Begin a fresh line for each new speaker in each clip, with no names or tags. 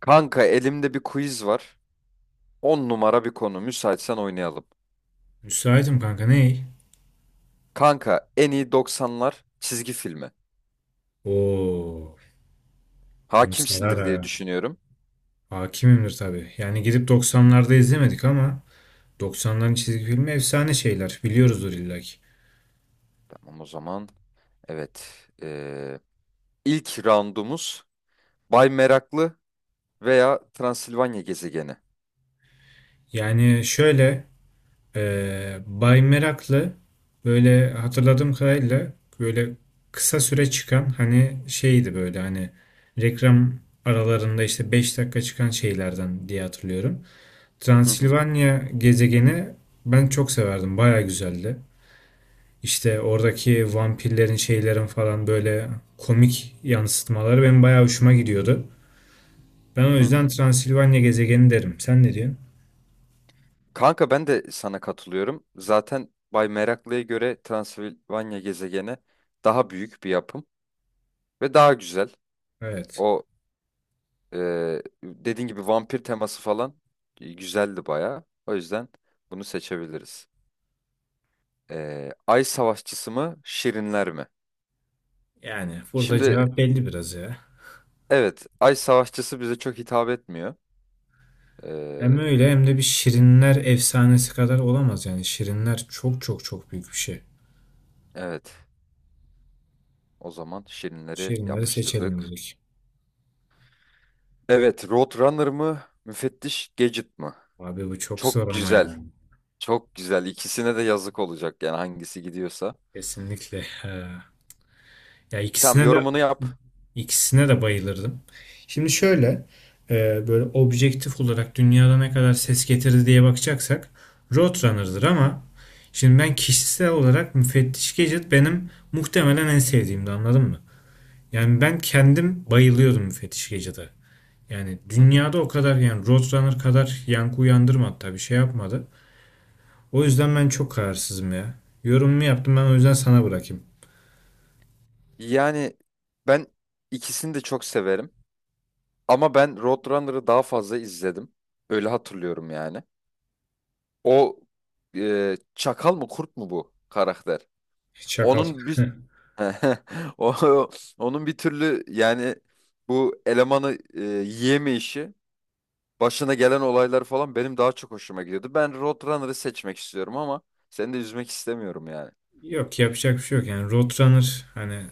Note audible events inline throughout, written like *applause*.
Kanka elimde bir quiz var. 10 numara bir konu. Müsaitsen oynayalım.
Müsaitim kanka ney?
Kanka en iyi doksanlar çizgi filmi.
Oo, onu sarar
Hakimsindir diye
ha.
düşünüyorum.
Hakimimdir tabii. Yani gidip doksanlarda izlemedik ama doksanların çizgi filmi efsane şeyler. Biliyoruzdur illaki.
Tamam o zaman. Evet. İlk roundumuz Bay Meraklı veya Transilvanya gezegeni.
Yani şöyle Bay Meraklı, böyle hatırladığım kadarıyla böyle kısa süre çıkan hani şeydi, böyle hani reklam aralarında işte 5 dakika çıkan şeylerden diye hatırlıyorum.
Hı hı.
Transilvanya gezegeni ben çok severdim. Baya güzeldi. İşte oradaki vampirlerin şeylerin falan böyle komik yansıtmaları benim bayağı hoşuma gidiyordu. Ben o
Hı hı.
yüzden Transilvanya gezegeni derim. Sen ne diyorsun?
Kanka ben de sana katılıyorum. Zaten Bay Meraklı'ya göre Transilvanya gezegeni daha büyük bir yapım ve daha güzel.
Evet.
O dediğin gibi vampir teması falan, güzeldi bayağı. O yüzden bunu seçebiliriz. Ay Savaşçısı mı, Şirinler mi?
Yani burada
Şimdi
cevap belli biraz ya.
evet, Ay Savaşçısı bize çok hitap etmiyor.
Hem
Ee,
öyle hem de bir Şirinler efsanesi kadar olamaz yani. Şirinler çok çok çok büyük bir şey.
evet, o zaman Şirinleri
Şirinleri seçelim
yapıştırdık.
dedik.
Evet, Roadrunner mı, Müfettiş Gadget mı?
Abi bu çok zor
Çok
ama
güzel,
yani.
çok güzel. İkisine de yazık olacak yani hangisi gidiyorsa.
Kesinlikle. Ha. Ya
Tamam,
ikisine de
yorumunu yap.
İkisine de bayılırdım. Şimdi şöyle böyle objektif olarak dünyada ne kadar ses getirdi diye bakacaksak Roadrunner'dır, ama şimdi ben kişisel olarak Müfettiş Gadget benim muhtemelen en sevdiğimdi, anladın mı? Yani ben kendim bayılıyordum Müfettiş Gadget'a. Yani
Hı hı.
dünyada o kadar yani Roadrunner kadar yankı uyandırmadı tabii, şey yapmadı. O yüzden ben çok kararsızım ya. Yorumumu yaptım ben, o yüzden sana bırakayım.
Yani ben ikisini de çok severim. Ama ben Roadrunner'ı daha fazla izledim. Öyle hatırlıyorum yani. O, çakal mı kurt mu bu karakter?
Çakal.
Onun bir *laughs* o, onun bir türlü yani bu elemanı yiyemeyişi, başına gelen olaylar falan benim daha çok hoşuma gidiyordu. Ben Roadrunner'ı seçmek istiyorum ama seni de üzmek istemiyorum yani.
Yok, yapacak bir şey yok yani. Roadrunner hani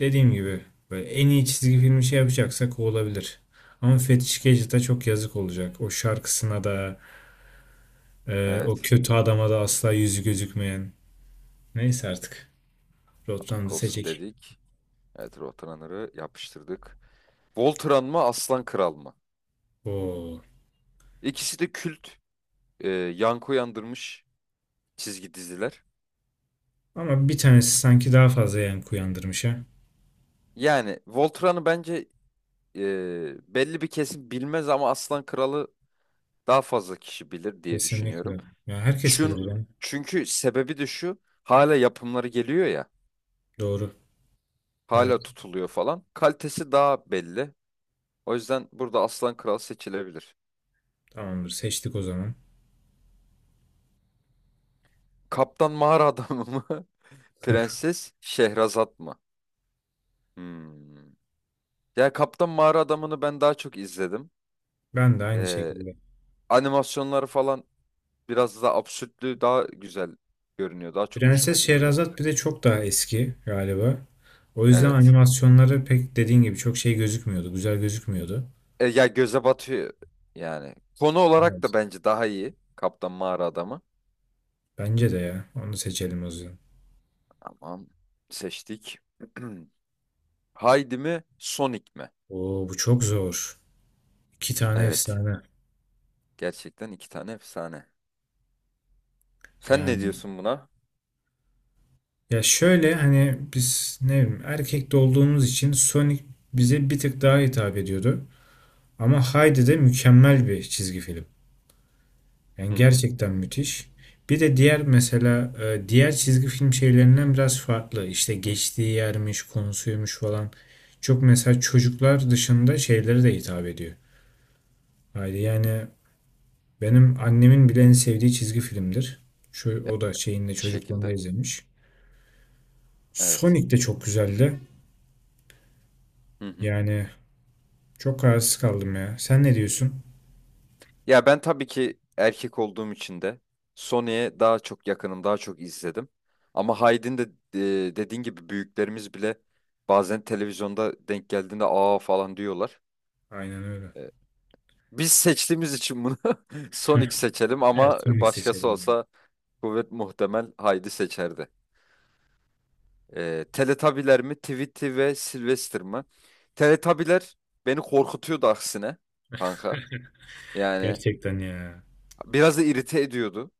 dediğim gibi böyle en iyi çizgi filmi şey yapacaksak o olabilir. Ama Fetiş Gadget'a çok yazık olacak. O şarkısına da, o
Evet,
kötü adama da, asla yüzü gözükmeyen. Neyse artık Roadrunner'ı
olsun
seçecek.
dedik. Evet, Roadrunner'ı yapıştırdık. Voltran mı, Aslan Kral mı?
Oo.
İkisi de kült, yankı uyandırmış çizgi diziler.
Ama bir tanesi sanki daha fazla yankı uyandırmış ha.
Yani Voltran'ı bence, belli bir kesim bilmez ama Aslan Kralı daha fazla kişi bilir diye düşünüyorum.
Kesinlikle. Ya herkes bilir yani.
Çünkü sebebi de şu, hala yapımları geliyor ya,
Doğru. Evet,
hala tutuluyor falan. Kalitesi daha belli. O yüzden burada Aslan Kral seçilebilir.
tamamdır, seçtik o zaman.
Kaptan Mağara Adamı mı? *laughs*
*laughs*
Prenses Şehrazat mı? Hmm. Ya Kaptan Mağara Adamı'nı ben daha çok izledim.
Ben de aynı
Ee,
şekilde.
animasyonları falan, biraz da absürtlüğü daha güzel görünüyor. Daha çok hoşuma
Prenses
gidiyor.
Şehrazat bir de çok daha eski galiba. O yüzden
Evet.
animasyonları pek dediğin gibi çok şey gözükmüyordu. Güzel gözükmüyordu.
Ya göze batıyor yani. Konu olarak da
Evet.
bence daha iyi, Kaptan Mağara Adamı.
Bence de ya. Onu seçelim o yüzden.
Tamam. Seçtik. *clears throat* Haydi mi? Sonic mi?
Oo, bu çok zor. İki tane
Evet.
efsane.
Gerçekten iki tane efsane. Sen ne
Yani
diyorsun buna?
ya şöyle hani biz, ne bileyim, erkekte olduğumuz için Sonic bize bir tık daha hitap ediyordu. Ama Heidi de mükemmel bir çizgi film. Yani
Hı hı.
gerçekten müthiş. Bir de diğer, mesela diğer çizgi film şeylerinden biraz farklı. İşte geçtiği yermiş, konusuymuş falan. Çok mesela çocuklar dışında şeylere de hitap ediyor. Haydi yani benim annemin bile en sevdiği çizgi filmdir. Şu o da şeyinde çocukluğunda
Şekilde.
izlemiş.
Evet.
Sonic de çok güzeldi.
Hı hı.
Yani çok kararsız kaldım ya. Sen ne diyorsun?
Ya ben tabii ki erkek olduğum için de Sony'ye daha çok yakınım, daha çok izledim. Ama Hyde'in de, dediğin gibi büyüklerimiz bile bazen televizyonda denk geldiğinde aa falan diyorlar.
Aynen öyle.
E, Biz seçtiğimiz için bunu *laughs* Sonic
*laughs*
seçelim
Evet,
ama
Sonic
başkası
seçelim ben.
olsa kuvvet muhtemel Haydi seçerdi. Teletabiler mi, Tweety ve Sylvester mı? Teletabiler beni korkutuyordu aksine kanka.
*laughs*
Yani
Gerçekten ya.
biraz da irite ediyordu.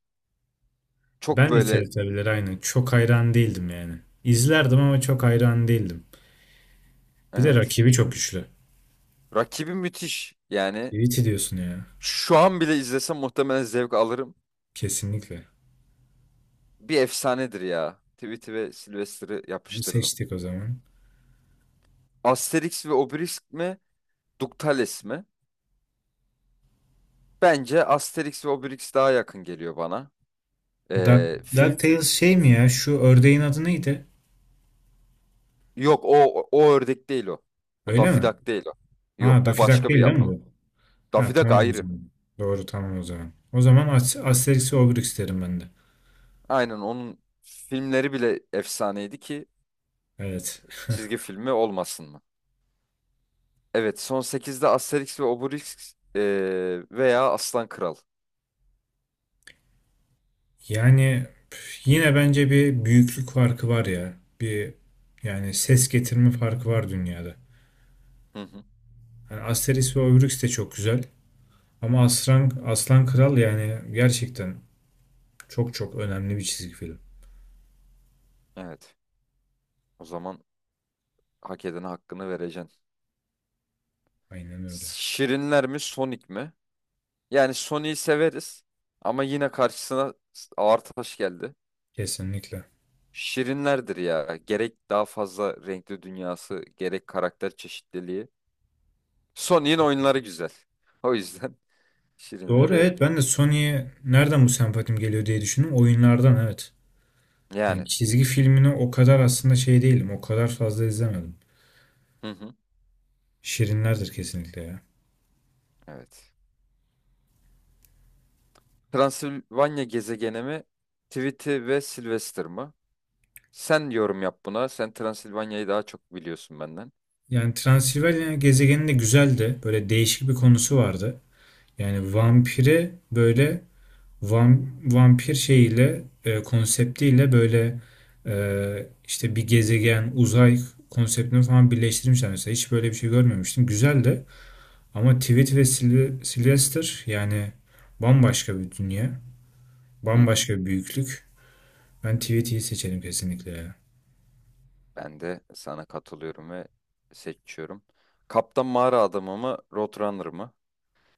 Çok
Ben de
böyle,
TRT aynı. Çok hayran değildim yani. İzlerdim ama çok hayran değildim. Bir de
evet.
rakibi çok güçlü.
Rakibi müthiş. Yani
Tweety diyorsun ya.
şu an bile izlesem muhtemelen zevk alırım.
Kesinlikle.
Bir efsanedir ya. Tweety ve Sylvester'ı
Bunu
yapıştırdım.
seçtik o zaman.
Asterix ve Obelix mi? Ductales mi? Bence Asterix ve Obelix daha yakın geliyor bana.
Da,
Ee, fil...
DuckTales şey mi ya? Şu ördeğin adı neydi?
Yok o, o ördek değil o. O
Öyle
Daffy
mi?
Duck değil o.
Ha,
Yok, bu
Daffy Duck
başka bir
değil değil mi
yapım.
bu? Ha,
Daffy Duck
tamam o
ayrı.
zaman. Doğru, tamam o zaman. O zaman Asterix ve Obelix derim ben de.
Aynen, onun filmleri bile efsaneydi ki
Evet. *laughs*
çizgi filmi olmasın mı? Evet, son sekizde Asterix ve Obelix, veya Aslan Kral.
Yani püf, yine bence bir büyüklük farkı var ya. Bir, yani ses getirme farkı var dünyada.
Hı hı.
Yani Asterix ve Obelix de çok güzel. Ama Aslan Kral yani gerçekten çok çok önemli bir çizgi film.
Evet. O zaman hak edene hakkını vereceksin.
Aynen öyle.
Şirinler mi, Sonic mi? Yani Sonic'i severiz ama yine karşısına ağır taş geldi.
Kesinlikle.
Şirinlerdir ya. Gerek daha fazla renkli dünyası, gerek karakter çeşitliliği. Sonic'in oyunları güzel. O yüzden *laughs*
Doğru,
Şirinleri
evet, ben de Sony'ye nereden bu sempatim geliyor diye düşündüm. Oyunlardan, evet. Yani
yani.
çizgi filmini o kadar aslında şey değilim. O kadar fazla izlemedim.
Hı hı.
Şirinlerdir kesinlikle ya.
Evet. Transilvanya gezegeni mi? Tweety ve Sylvester mı? Sen yorum yap buna. Sen Transilvanya'yı daha çok biliyorsun benden.
Yani Transilvanya gezegeni de güzeldi. Böyle değişik bir konusu vardı. Yani vampire böyle, vampir şeyiyle, konseptiyle, böyle işte bir gezegen, uzay konseptini falan birleştirmişler mesela. Hiç böyle bir şey görmemiştim. Güzel de, ama Tweet ve Sylvester yani bambaşka bir dünya.
Hı hı.
Bambaşka bir büyüklük. Ben Tweet'i seçerim kesinlikle ya.
Ben de sana katılıyorum ve seçiyorum. Kaptan Mağara Adamı mı, Roadrunner mı?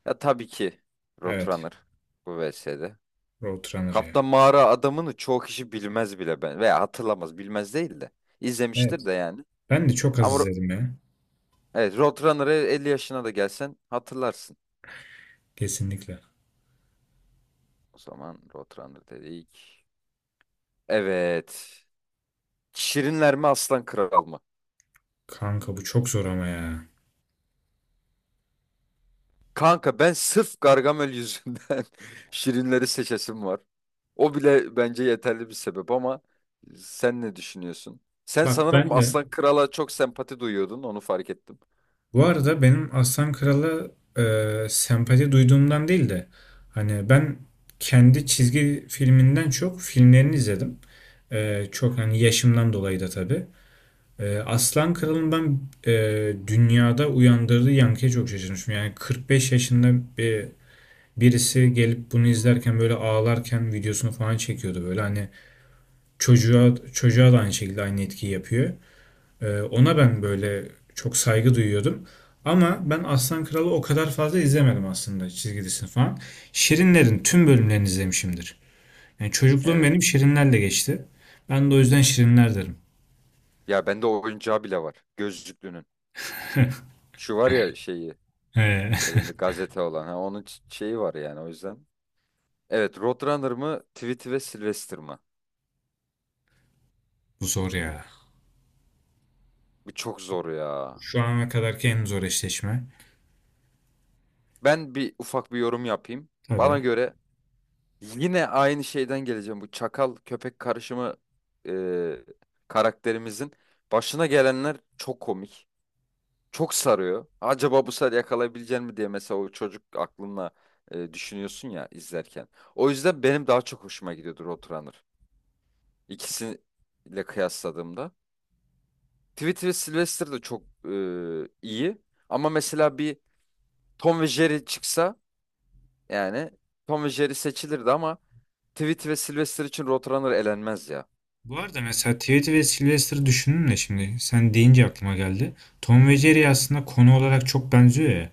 Ya tabii ki
Evet.
Roadrunner bu VS'de.
Roadrunner ya.
Kaptan Mağara Adamı'nı çoğu kişi bilmez bile, ben veya hatırlamaz, bilmez değil de izlemiştir
Evet.
de yani.
Ben de çok az
Ama
izledim ya.
evet, Roadrunner'ı 50 yaşına da gelsen hatırlarsın.
Kesinlikle.
O zaman Roadrunner dedik. Evet. Şirinler mi, Aslan Kral mı?
Kanka bu çok zor ama ya.
Kanka ben sırf Gargamel yüzünden *laughs* Şirinleri seçesim var. O bile bence yeterli bir sebep ama sen ne düşünüyorsun? Sen
Bak
sanırım
ben de
Aslan Kral'a çok sempati duyuyordun, onu fark ettim.
Bu arada benim Aslan Kral'a sempati duyduğumdan değil de, hani ben kendi çizgi filminden çok filmlerini izledim. Çok, hani, yaşımdan dolayı da tabii. Aslan Kral'ın ben dünyada uyandırdığı yankıya çok şaşırmışım. Yani 45 yaşında birisi gelip bunu izlerken böyle ağlarken videosunu falan çekiyordu, böyle hani çocuğa, çocuğa da aynı şekilde aynı etkiyi yapıyor. Ona ben böyle çok saygı duyuyordum. Ama ben Aslan Kralı o kadar fazla izlemedim aslında, çizgi falan. Şirinler'in tüm bölümlerini izlemişimdir. Yani çocukluğum
Evet,
benim Şirinler'le geçti. Ben de o yüzden
evet.
Şirinler derim.
Ya bende o oyuncağı bile var, gözlüklünün. Şu var ya, şeyi,
Ee,
elinde gazete olan, ha, onun şeyi var yani o yüzden. Evet, Roadrunner mı, Tweety ve Sylvester mı?
*laughs* bu zor ya.
Bu çok zor ya.
Şu ana kadarki en zor eşleşme.
Ben bir ufak bir yorum yapayım. Bana
Tabii.
göre, yine aynı şeyden geleceğim. Bu çakal köpek karışımı, e, karakterimizin başına gelenler çok komik. Çok sarıyor. Acaba bu sefer yakalayabilecek mi diye mesela o çocuk aklınla, düşünüyorsun ya izlerken. O yüzden benim daha çok hoşuma gidiyordur Roadrunner, İkisiyle kıyasladığımda. Tweety ve Sylvester de çok iyi. Ama mesela bir Tom ve Jerry çıksa, yani Tom ve Jerry seçilirdi ama Tweety ve Sylvester için Roadrunner elenmez ya.
Bu arada mesela Tweety ve Sylvester'ı düşündüm de şimdi sen deyince aklıma geldi. Tom ve Jerry aslında konu olarak çok benziyor ya.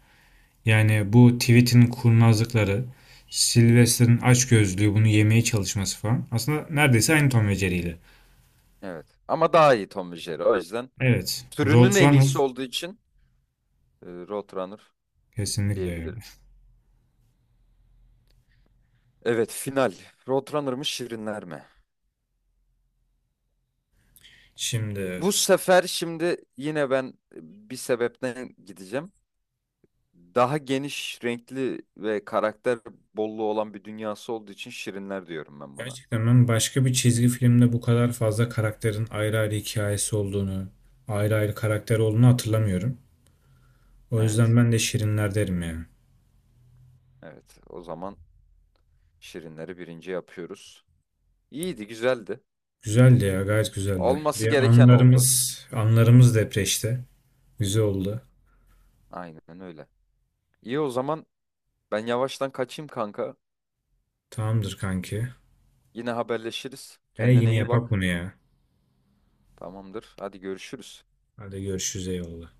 Yani bu tweet'in kurnazlıkları, Sylvester'ın açgözlüğü, bunu yemeye çalışması falan. Aslında neredeyse aynı Tom ve Jerry'yle.
Evet. Ama daha iyi Tom ve Jerry. O yüzden
Evet.
türünün en
Roadrunner
iyisi olduğu için Roadrunner
kesinlikle öyle.
diyebilirim. Evet, final. Roadrunner mı, Şirinler mi?
Şimdi
Bu sefer şimdi yine ben e, bir sebepten gideceğim. Daha geniş, renkli ve karakter bolluğu olan bir dünyası olduğu için Şirinler diyorum ben buna.
gerçekten ben başka bir çizgi filmde bu kadar fazla karakterin ayrı ayrı hikayesi olduğunu, ayrı ayrı karakter olduğunu hatırlamıyorum. O yüzden
Evet.
ben de Şirinler derim yani.
Evet. O zaman Şirinleri birinci yapıyoruz. İyiydi, güzeldi.
Güzeldi ya, gayet güzeldi.
Olması
Bir
gereken oldu.
anlarımız depreşti. Güzel oldu.
Aynen öyle. İyi o zaman, ben yavaştan kaçayım kanka.
Tamamdır kanki.
Yine haberleşiriz.
E,
Kendine
yine
iyi
yapak
bak.
bunu ya.
Tamamdır. Hadi görüşürüz.
Hadi görüşürüz, eyvallah.